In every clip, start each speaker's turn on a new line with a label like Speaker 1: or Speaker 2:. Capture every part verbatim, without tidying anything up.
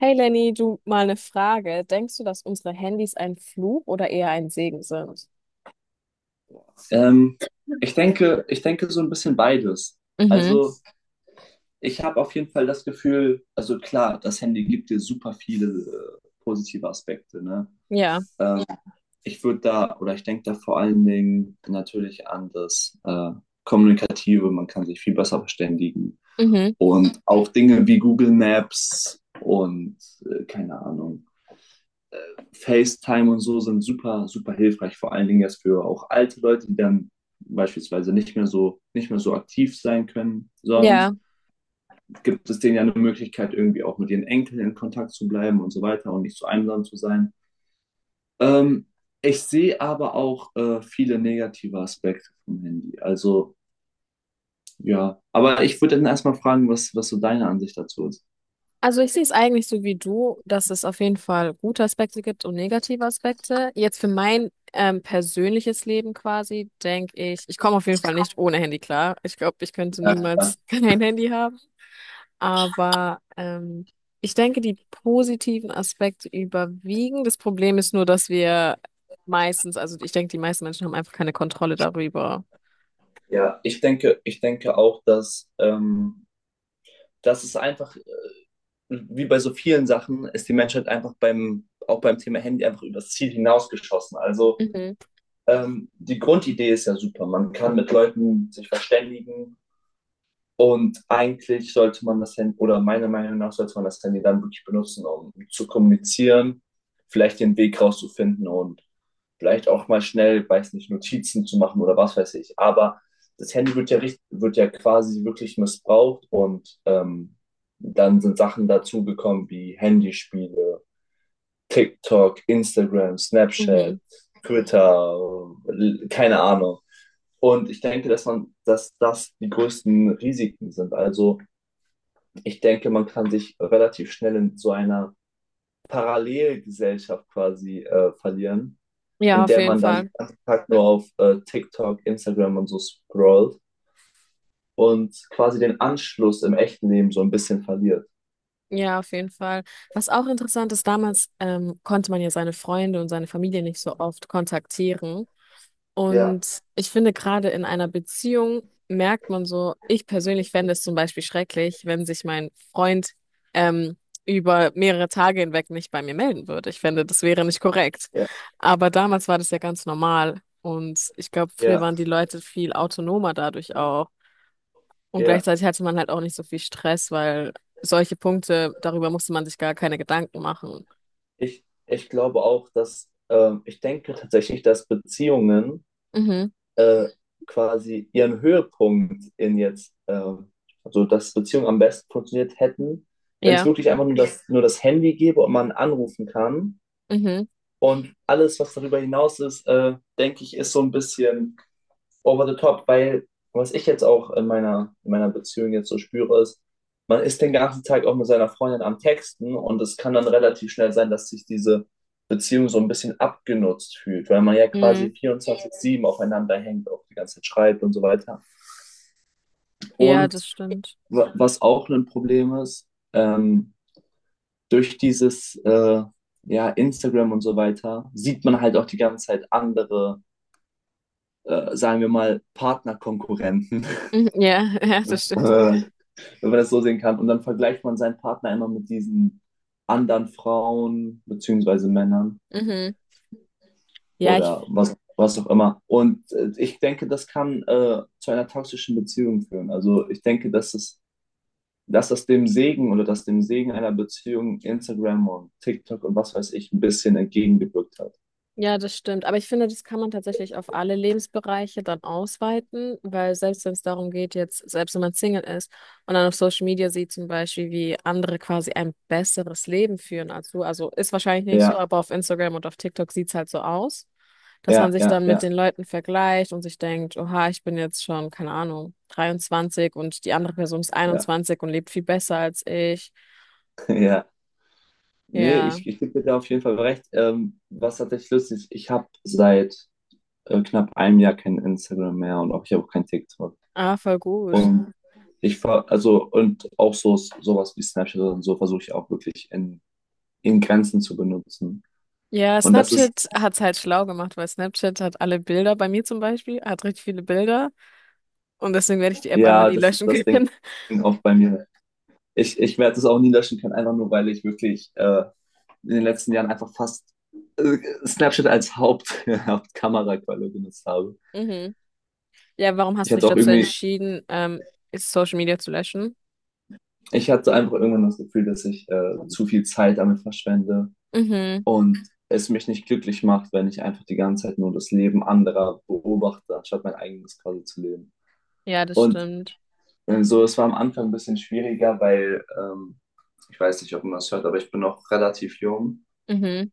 Speaker 1: Hey Lenny, du mal eine Frage. Denkst du, dass unsere Handys ein Fluch oder eher ein Segen sind?
Speaker 2: Ähm, ich denke, ich denke so ein bisschen beides.
Speaker 1: Mhm,
Speaker 2: Also ich habe auf jeden Fall das Gefühl, also klar, das Handy gibt dir super viele äh, positive Aspekte, ne?
Speaker 1: ja,
Speaker 2: Ähm, Ja, ich würde da, oder ich denke da vor allen Dingen natürlich an das äh, Kommunikative, man kann sich viel besser verständigen.
Speaker 1: mhm,
Speaker 2: Und auch Dinge wie Google Maps und äh, keine Ahnung, FaceTime und so sind super, super hilfreich, vor allen Dingen jetzt für auch alte Leute, die dann beispielsweise nicht mehr so, nicht mehr so aktiv sein können. Sonst
Speaker 1: ja.
Speaker 2: gibt es denen ja eine Möglichkeit, irgendwie auch mit ihren Enkeln in Kontakt zu bleiben und so weiter und nicht so einsam zu sein. Ähm, ich sehe aber auch äh, viele negative Aspekte vom Handy. Also ja, aber ich würde dann erstmal fragen, was, was so deine Ansicht dazu ist.
Speaker 1: Also ich sehe es eigentlich so wie du, dass es auf jeden Fall gute Aspekte gibt und negative Aspekte. Jetzt für mein ähm, persönliches Leben quasi, denke ich, ich komme auf jeden Fall nicht ohne Handy klar. Ich glaube, ich könnte
Speaker 2: Ja, klar.
Speaker 1: niemals kein Handy haben. Aber ähm, ich denke, die positiven Aspekte überwiegen. Das Problem ist nur, dass wir meistens, also ich denke, die meisten Menschen haben einfach keine Kontrolle darüber.
Speaker 2: Ja. ich denke, ich denke auch, dass, ähm, dass es einfach wie bei so vielen Sachen ist die Menschheit einfach beim, auch beim Thema Handy einfach übers Ziel hinausgeschossen. Also
Speaker 1: Mhm.
Speaker 2: ähm, die Grundidee ist ja super. Man kann mit Leuten sich verständigen, und eigentlich sollte man das Handy, oder meiner Meinung nach sollte man das Handy dann wirklich benutzen, um zu kommunizieren, vielleicht den Weg rauszufinden und vielleicht auch mal schnell, weiß nicht, Notizen zu machen oder was weiß ich. Aber das Handy wird ja, richt- wird ja quasi wirklich missbraucht und ähm, dann sind Sachen dazugekommen wie Handyspiele TikTok, Instagram, Snapchat,
Speaker 1: Mhm.
Speaker 2: Twitter, keine Ahnung. Und ich denke, dass man, dass das die größten Risiken sind. Also ich denke, man kann sich relativ schnell in so einer Parallelgesellschaft quasi äh, verlieren,
Speaker 1: Ja,
Speaker 2: in
Speaker 1: auf
Speaker 2: der
Speaker 1: jeden
Speaker 2: man dann den
Speaker 1: Fall.
Speaker 2: ganzen Tag nur auf äh, TikTok, Instagram und so scrollt und quasi den Anschluss im echten Leben so ein bisschen verliert.
Speaker 1: Ja, auf jeden Fall. Was auch interessant ist, damals ähm, konnte man ja seine Freunde und seine Familie nicht so oft kontaktieren.
Speaker 2: Ja,
Speaker 1: Und ich finde, gerade in einer Beziehung merkt man so, ich persönlich fände es zum Beispiel schrecklich, wenn sich mein Freund ähm, über mehrere Tage hinweg nicht bei mir melden würde. Ich fände, das wäre nicht korrekt.
Speaker 2: ja.
Speaker 1: Aber damals war das ja ganz normal. Und ich glaube, früher
Speaker 2: Ja,
Speaker 1: waren die Leute viel autonomer dadurch auch. Und
Speaker 2: ja.
Speaker 1: gleichzeitig hatte man halt auch nicht so viel Stress, weil solche Punkte, darüber musste man sich gar keine Gedanken machen.
Speaker 2: Ich, ich glaube auch, dass ähm, ich denke tatsächlich, dass Beziehungen
Speaker 1: Mhm.
Speaker 2: äh, quasi ihren Höhepunkt in jetzt, ähm, also dass Beziehungen am besten funktioniert hätten, wenn es
Speaker 1: Ja.
Speaker 2: wirklich einfach nur das, nur das Handy gäbe und man anrufen kann.
Speaker 1: Mhm.
Speaker 2: Und alles, was darüber hinaus ist, äh, denke ich, ist so ein bisschen over the top, weil was ich jetzt auch in meiner, in meiner Beziehung jetzt so spüre, ist, man ist den ganzen Tag auch mit seiner Freundin am Texten und es kann dann relativ schnell sein, dass sich diese Beziehung so ein bisschen abgenutzt fühlt, weil man ja quasi
Speaker 1: Mhm.
Speaker 2: vierundzwanzig sieben aufeinander hängt, auch die ganze Zeit schreibt und so weiter.
Speaker 1: Ja,
Speaker 2: Und
Speaker 1: das stimmt.
Speaker 2: wa- was auch ein Problem ist, ähm, durch dieses äh, ja, Instagram und so weiter sieht man halt auch die ganze Zeit andere, äh, sagen wir mal, Partnerkonkurrenten.
Speaker 1: Mhm. Ja, ja, das stimmt.
Speaker 2: Wenn man das so sehen kann. Und dann vergleicht man seinen Partner immer mit diesen anderen Frauen beziehungsweise Männern
Speaker 1: Mhm. Ja, ich,
Speaker 2: oder was, was auch immer. Und äh, ich denke, das kann äh, zu einer toxischen Beziehung führen. Also ich denke, dass es, dass das dem Segen oder dass dem Segen einer Beziehung Instagram und TikTok und was weiß ich ein bisschen entgegengewirkt hat.
Speaker 1: ja, das stimmt. Aber ich finde, das kann man tatsächlich auf alle Lebensbereiche dann ausweiten, weil selbst wenn es darum geht, jetzt, selbst wenn man Single ist und dann auf Social Media sieht zum Beispiel, wie andere quasi ein besseres Leben führen als du, also ist wahrscheinlich nicht so,
Speaker 2: Ja,
Speaker 1: aber auf Instagram und auf TikTok sieht's halt so aus, dass man
Speaker 2: ja,
Speaker 1: sich
Speaker 2: ja,
Speaker 1: dann
Speaker 2: ja,
Speaker 1: mit den Leuten vergleicht und sich denkt, oha, ich bin jetzt schon, keine Ahnung, dreiundzwanzig und die andere Person ist
Speaker 2: ja,
Speaker 1: einundzwanzig und lebt viel besser als ich.
Speaker 2: ja. Nee,
Speaker 1: Ja,
Speaker 2: ich, ich gebe dir da auf jeden Fall recht. Ähm, was tatsächlich lustig ist, ich habe seit äh, knapp einem Jahr kein Instagram mehr und auch ich habe auch kein TikTok.
Speaker 1: ah, voll gut.
Speaker 2: Und ich ver also und auch so sowas wie Snapchat und so versuche ich auch wirklich in, in Grenzen zu benutzen.
Speaker 1: Ja,
Speaker 2: Und das ist,
Speaker 1: Snapchat hat's halt schlau gemacht, weil Snapchat hat alle Bilder, bei mir zum Beispiel, hat richtig viele Bilder und deswegen werde ich die App einfach
Speaker 2: ja,
Speaker 1: nie
Speaker 2: das ist
Speaker 1: löschen
Speaker 2: das Ding
Speaker 1: können.
Speaker 2: oft bei mir. Ich, ich werde es auch nie löschen können, einfach nur, weil ich wirklich äh, in den letzten Jahren einfach fast äh, Snapchat als Haupt, Hauptkameraquelle benutzt habe.
Speaker 1: Mhm. Ja, warum
Speaker 2: Ich
Speaker 1: hast du dich
Speaker 2: hatte auch
Speaker 1: dazu
Speaker 2: irgendwie,
Speaker 1: entschieden, ähm, Social Media zu löschen?
Speaker 2: ich hatte einfach irgendwann das Gefühl, dass ich äh, zu viel Zeit damit verschwende
Speaker 1: Mhm.
Speaker 2: und es mich nicht glücklich macht, wenn ich einfach die ganze Zeit nur das Leben anderer beobachte, anstatt mein eigenes quasi zu leben.
Speaker 1: Ja, das
Speaker 2: Und
Speaker 1: stimmt.
Speaker 2: äh, so, es war am Anfang ein bisschen schwieriger, weil ähm, ich weiß nicht, ob man das hört, aber ich bin noch relativ jung.
Speaker 1: Mhm.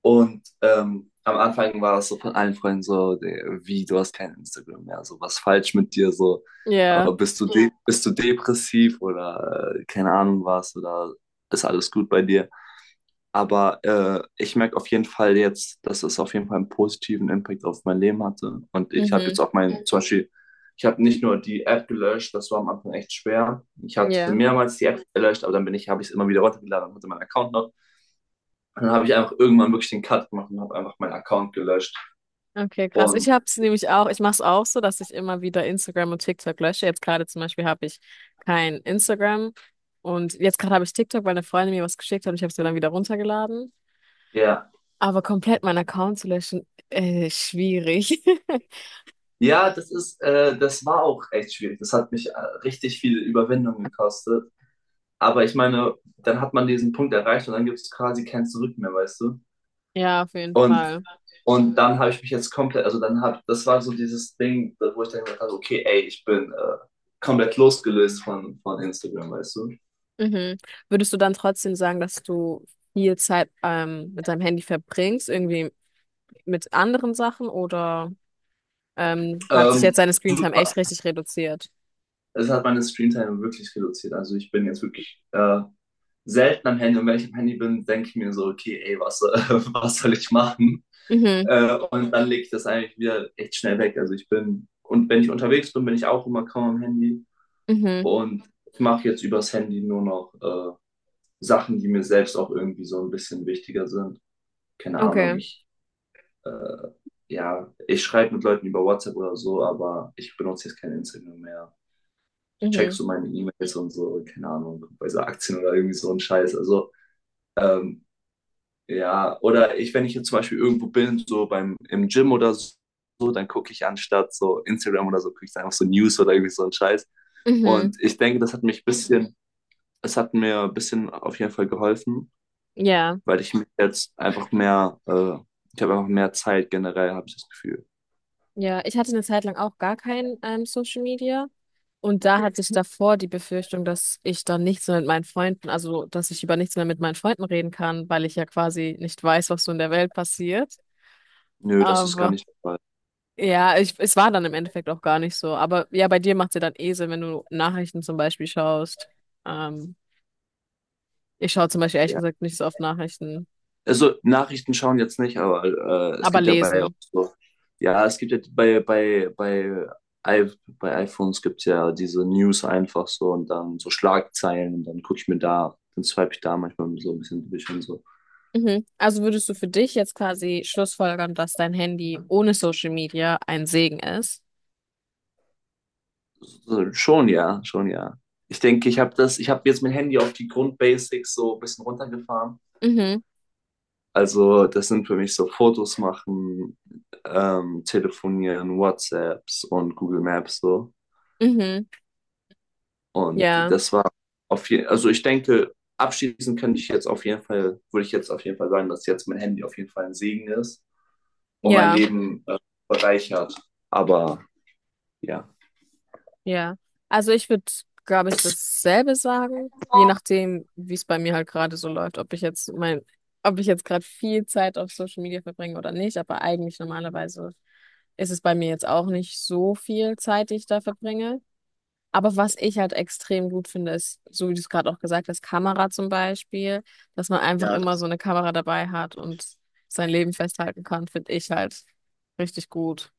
Speaker 2: Und ähm, am Anfang war das so von allen Freunden so, der- wie, du hast kein Instagram mehr, so was falsch mit dir, so
Speaker 1: Ja.
Speaker 2: äh, bist du, de Ja. Bist du depressiv oder äh, keine Ahnung was oder ist alles gut bei dir? Aber äh, ich merke auf jeden Fall jetzt, dass es auf jeden Fall einen positiven Impact auf mein Leben hatte. Und ich habe
Speaker 1: Mhm.
Speaker 2: jetzt auch mein, zum Beispiel, ich habe nicht nur die App gelöscht, das war am Anfang echt schwer. Ich hatte
Speaker 1: Ja.
Speaker 2: mehrmals die App gelöscht, aber dann bin ich, habe ich es immer wieder runtergeladen und hatte meinen Account noch. Und dann habe ich einfach irgendwann wirklich den Cut gemacht und habe einfach meinen Account gelöscht.
Speaker 1: Okay, krass. Ich
Speaker 2: Und
Speaker 1: hab's nämlich auch, ich mach's auch so, dass ich immer wieder Instagram und TikTok lösche. Jetzt gerade zum Beispiel habe ich kein Instagram und jetzt gerade habe ich TikTok, weil eine Freundin mir was geschickt hat und ich habe es mir dann wieder runtergeladen.
Speaker 2: ja,
Speaker 1: Aber komplett meinen Account zu löschen, äh, schwierig.
Speaker 2: ja, das ist, äh, das war auch echt schwierig. Das hat mich äh, richtig viel Überwindung gekostet. Aber ich meine, dann hat man diesen Punkt erreicht und dann gibt es quasi kein Zurück mehr, weißt du?
Speaker 1: Ja, auf jeden
Speaker 2: Und
Speaker 1: Fall.
Speaker 2: Und dann habe ich mich jetzt komplett, also dann habe, das war so dieses Ding, wo ich dann gedacht habe, okay, ey, ich bin äh, komplett losgelöst von, von Instagram, weißt du.
Speaker 1: Mhm. Würdest du dann trotzdem sagen, dass du viel Zeit ähm, mit deinem Handy verbringst, irgendwie mit anderen Sachen oder ähm, hat sich jetzt
Speaker 2: Ähm,
Speaker 1: deine Screentime echt richtig reduziert?
Speaker 2: es hat meine Screentime wirklich reduziert. Also ich bin jetzt wirklich äh, selten am Handy. Und wenn ich am Handy bin, denke ich mir so, okay, ey, was, äh, was soll ich machen?
Speaker 1: Mhm,
Speaker 2: Äh, und dann lege ich das eigentlich wieder echt schnell weg. Also ich bin, und wenn ich unterwegs bin, bin ich auch immer kaum am Handy.
Speaker 1: mhm,
Speaker 2: Und ich mache jetzt übers Handy nur noch äh, Sachen, die mir selbst auch irgendwie so ein bisschen wichtiger sind. Keine Ahnung,
Speaker 1: okay,
Speaker 2: ich, äh, ja, ich schreibe mit Leuten über WhatsApp oder so, aber ich benutze jetzt kein Instagram mehr.
Speaker 1: mhm,
Speaker 2: Checkst du meine E-Mails und so, keine Ahnung, bei so Aktien oder irgendwie so ein Scheiß. Also, ähm, ja, oder ich, wenn ich jetzt zum Beispiel irgendwo bin, so beim, im Gym oder so, dann gucke ich anstatt so Instagram oder so, gucke ich einfach so News oder irgendwie so ein Scheiß.
Speaker 1: mhm,
Speaker 2: Und ich denke, das hat mich ein bisschen, es hat mir ein bisschen auf jeden Fall geholfen,
Speaker 1: ja,
Speaker 2: weil ich mich jetzt einfach mehr, äh, ich habe einfach mehr Zeit generell, habe ich das Gefühl.
Speaker 1: ja. Ich hatte eine Zeit lang auch gar kein ähm, Social Media. Und da hatte ich davor die Befürchtung, dass ich dann nichts mehr mit meinen Freunden, also dass ich über nichts mehr mit meinen Freunden reden kann, weil ich ja quasi nicht weiß, was so in der Welt passiert.
Speaker 2: Nö, das ist gar
Speaker 1: Aber
Speaker 2: nicht der Fall.
Speaker 1: ja, ich, es war dann im Endeffekt auch gar nicht so. Aber ja, bei dir macht es ja dann eh Sinn, wenn du Nachrichten zum Beispiel schaust. Ähm, ich schaue zum Beispiel ehrlich
Speaker 2: Ja.
Speaker 1: gesagt nicht so oft Nachrichten,
Speaker 2: Also Nachrichten schauen jetzt nicht, aber äh, es
Speaker 1: aber
Speaker 2: gibt ja bei auch
Speaker 1: lesen.
Speaker 2: so, ja, es gibt ja bei bei bei I bei iPhones gibt's ja diese News einfach so und dann so Schlagzeilen und dann gucke ich mir da, dann swipe ich da manchmal so ein bisschen durch und so.
Speaker 1: Mhm. Also würdest du für dich jetzt quasi schlussfolgern, dass dein Handy ohne Social Media ein Segen ist?
Speaker 2: So. Schon ja, schon ja. Ich denke, ich habe das, ich habe jetzt mein Handy auf die Grundbasics so ein bisschen runtergefahren.
Speaker 1: Mhm,
Speaker 2: Also das sind für mich so Fotos machen, ähm, telefonieren, WhatsApps und Google Maps so.
Speaker 1: mhm,
Speaker 2: Und
Speaker 1: ja,
Speaker 2: das war auf jeden also ich denke, abschließend kann ich jetzt auf jeden Fall, würde ich jetzt auf jeden Fall sagen, dass jetzt mein Handy auf jeden Fall ein Segen ist und mein
Speaker 1: ja.
Speaker 2: Leben äh, bereichert. Aber ja.
Speaker 1: Ja, also ich würde, glaube ich, dasselbe sagen, je nachdem, wie es bei mir halt gerade so läuft, ob ich jetzt mein, ob ich jetzt gerade viel Zeit auf Social Media verbringe oder nicht, aber eigentlich normalerweise ist es bei mir jetzt auch nicht so viel Zeit, die ich da verbringe. Aber was ich halt extrem gut finde, ist, so wie du es gerade auch gesagt hast, Kamera zum Beispiel, dass man einfach
Speaker 2: Ja,
Speaker 1: immer
Speaker 2: das.
Speaker 1: so eine Kamera dabei hat und sein Leben festhalten kann, finde ich halt richtig gut.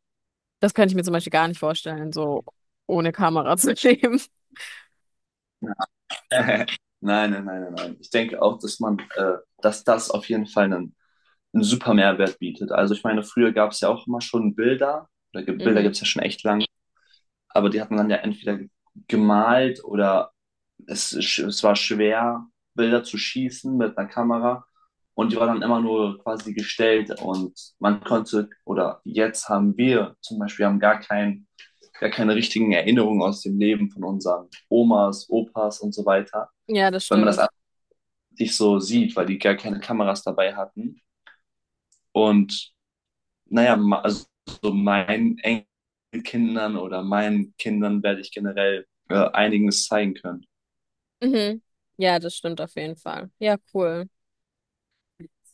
Speaker 1: Das könnte ich mir zum Beispiel gar nicht vorstellen, so ohne Kamera zu leben.
Speaker 2: Nein, nein, nein, nein, nein. Ich denke auch, dass man, äh, dass das auf jeden Fall einen, einen super Mehrwert bietet. Also ich meine, früher gab es ja auch immer schon Bilder, oder ge- Bilder gibt
Speaker 1: Mhm.
Speaker 2: es ja schon echt lange. Aber die hat man dann ja entweder gemalt oder es, sch- es war schwer, Bilder zu schießen mit einer Kamera. Und die war dann immer nur quasi gestellt und man konnte, oder jetzt haben wir zum Beispiel, haben gar kein, gar keine richtigen Erinnerungen aus dem Leben von unseren Omas, Opas und so weiter,
Speaker 1: Ja, das
Speaker 2: weil man das
Speaker 1: stimmt.
Speaker 2: alles nicht so sieht, weil die gar keine Kameras dabei hatten. Und naja, ma- also so meinen Enkelkindern oder meinen Kindern werde ich generell äh, einiges zeigen können.
Speaker 1: Mhm. Ja, das stimmt auf jeden Fall. Ja, cool.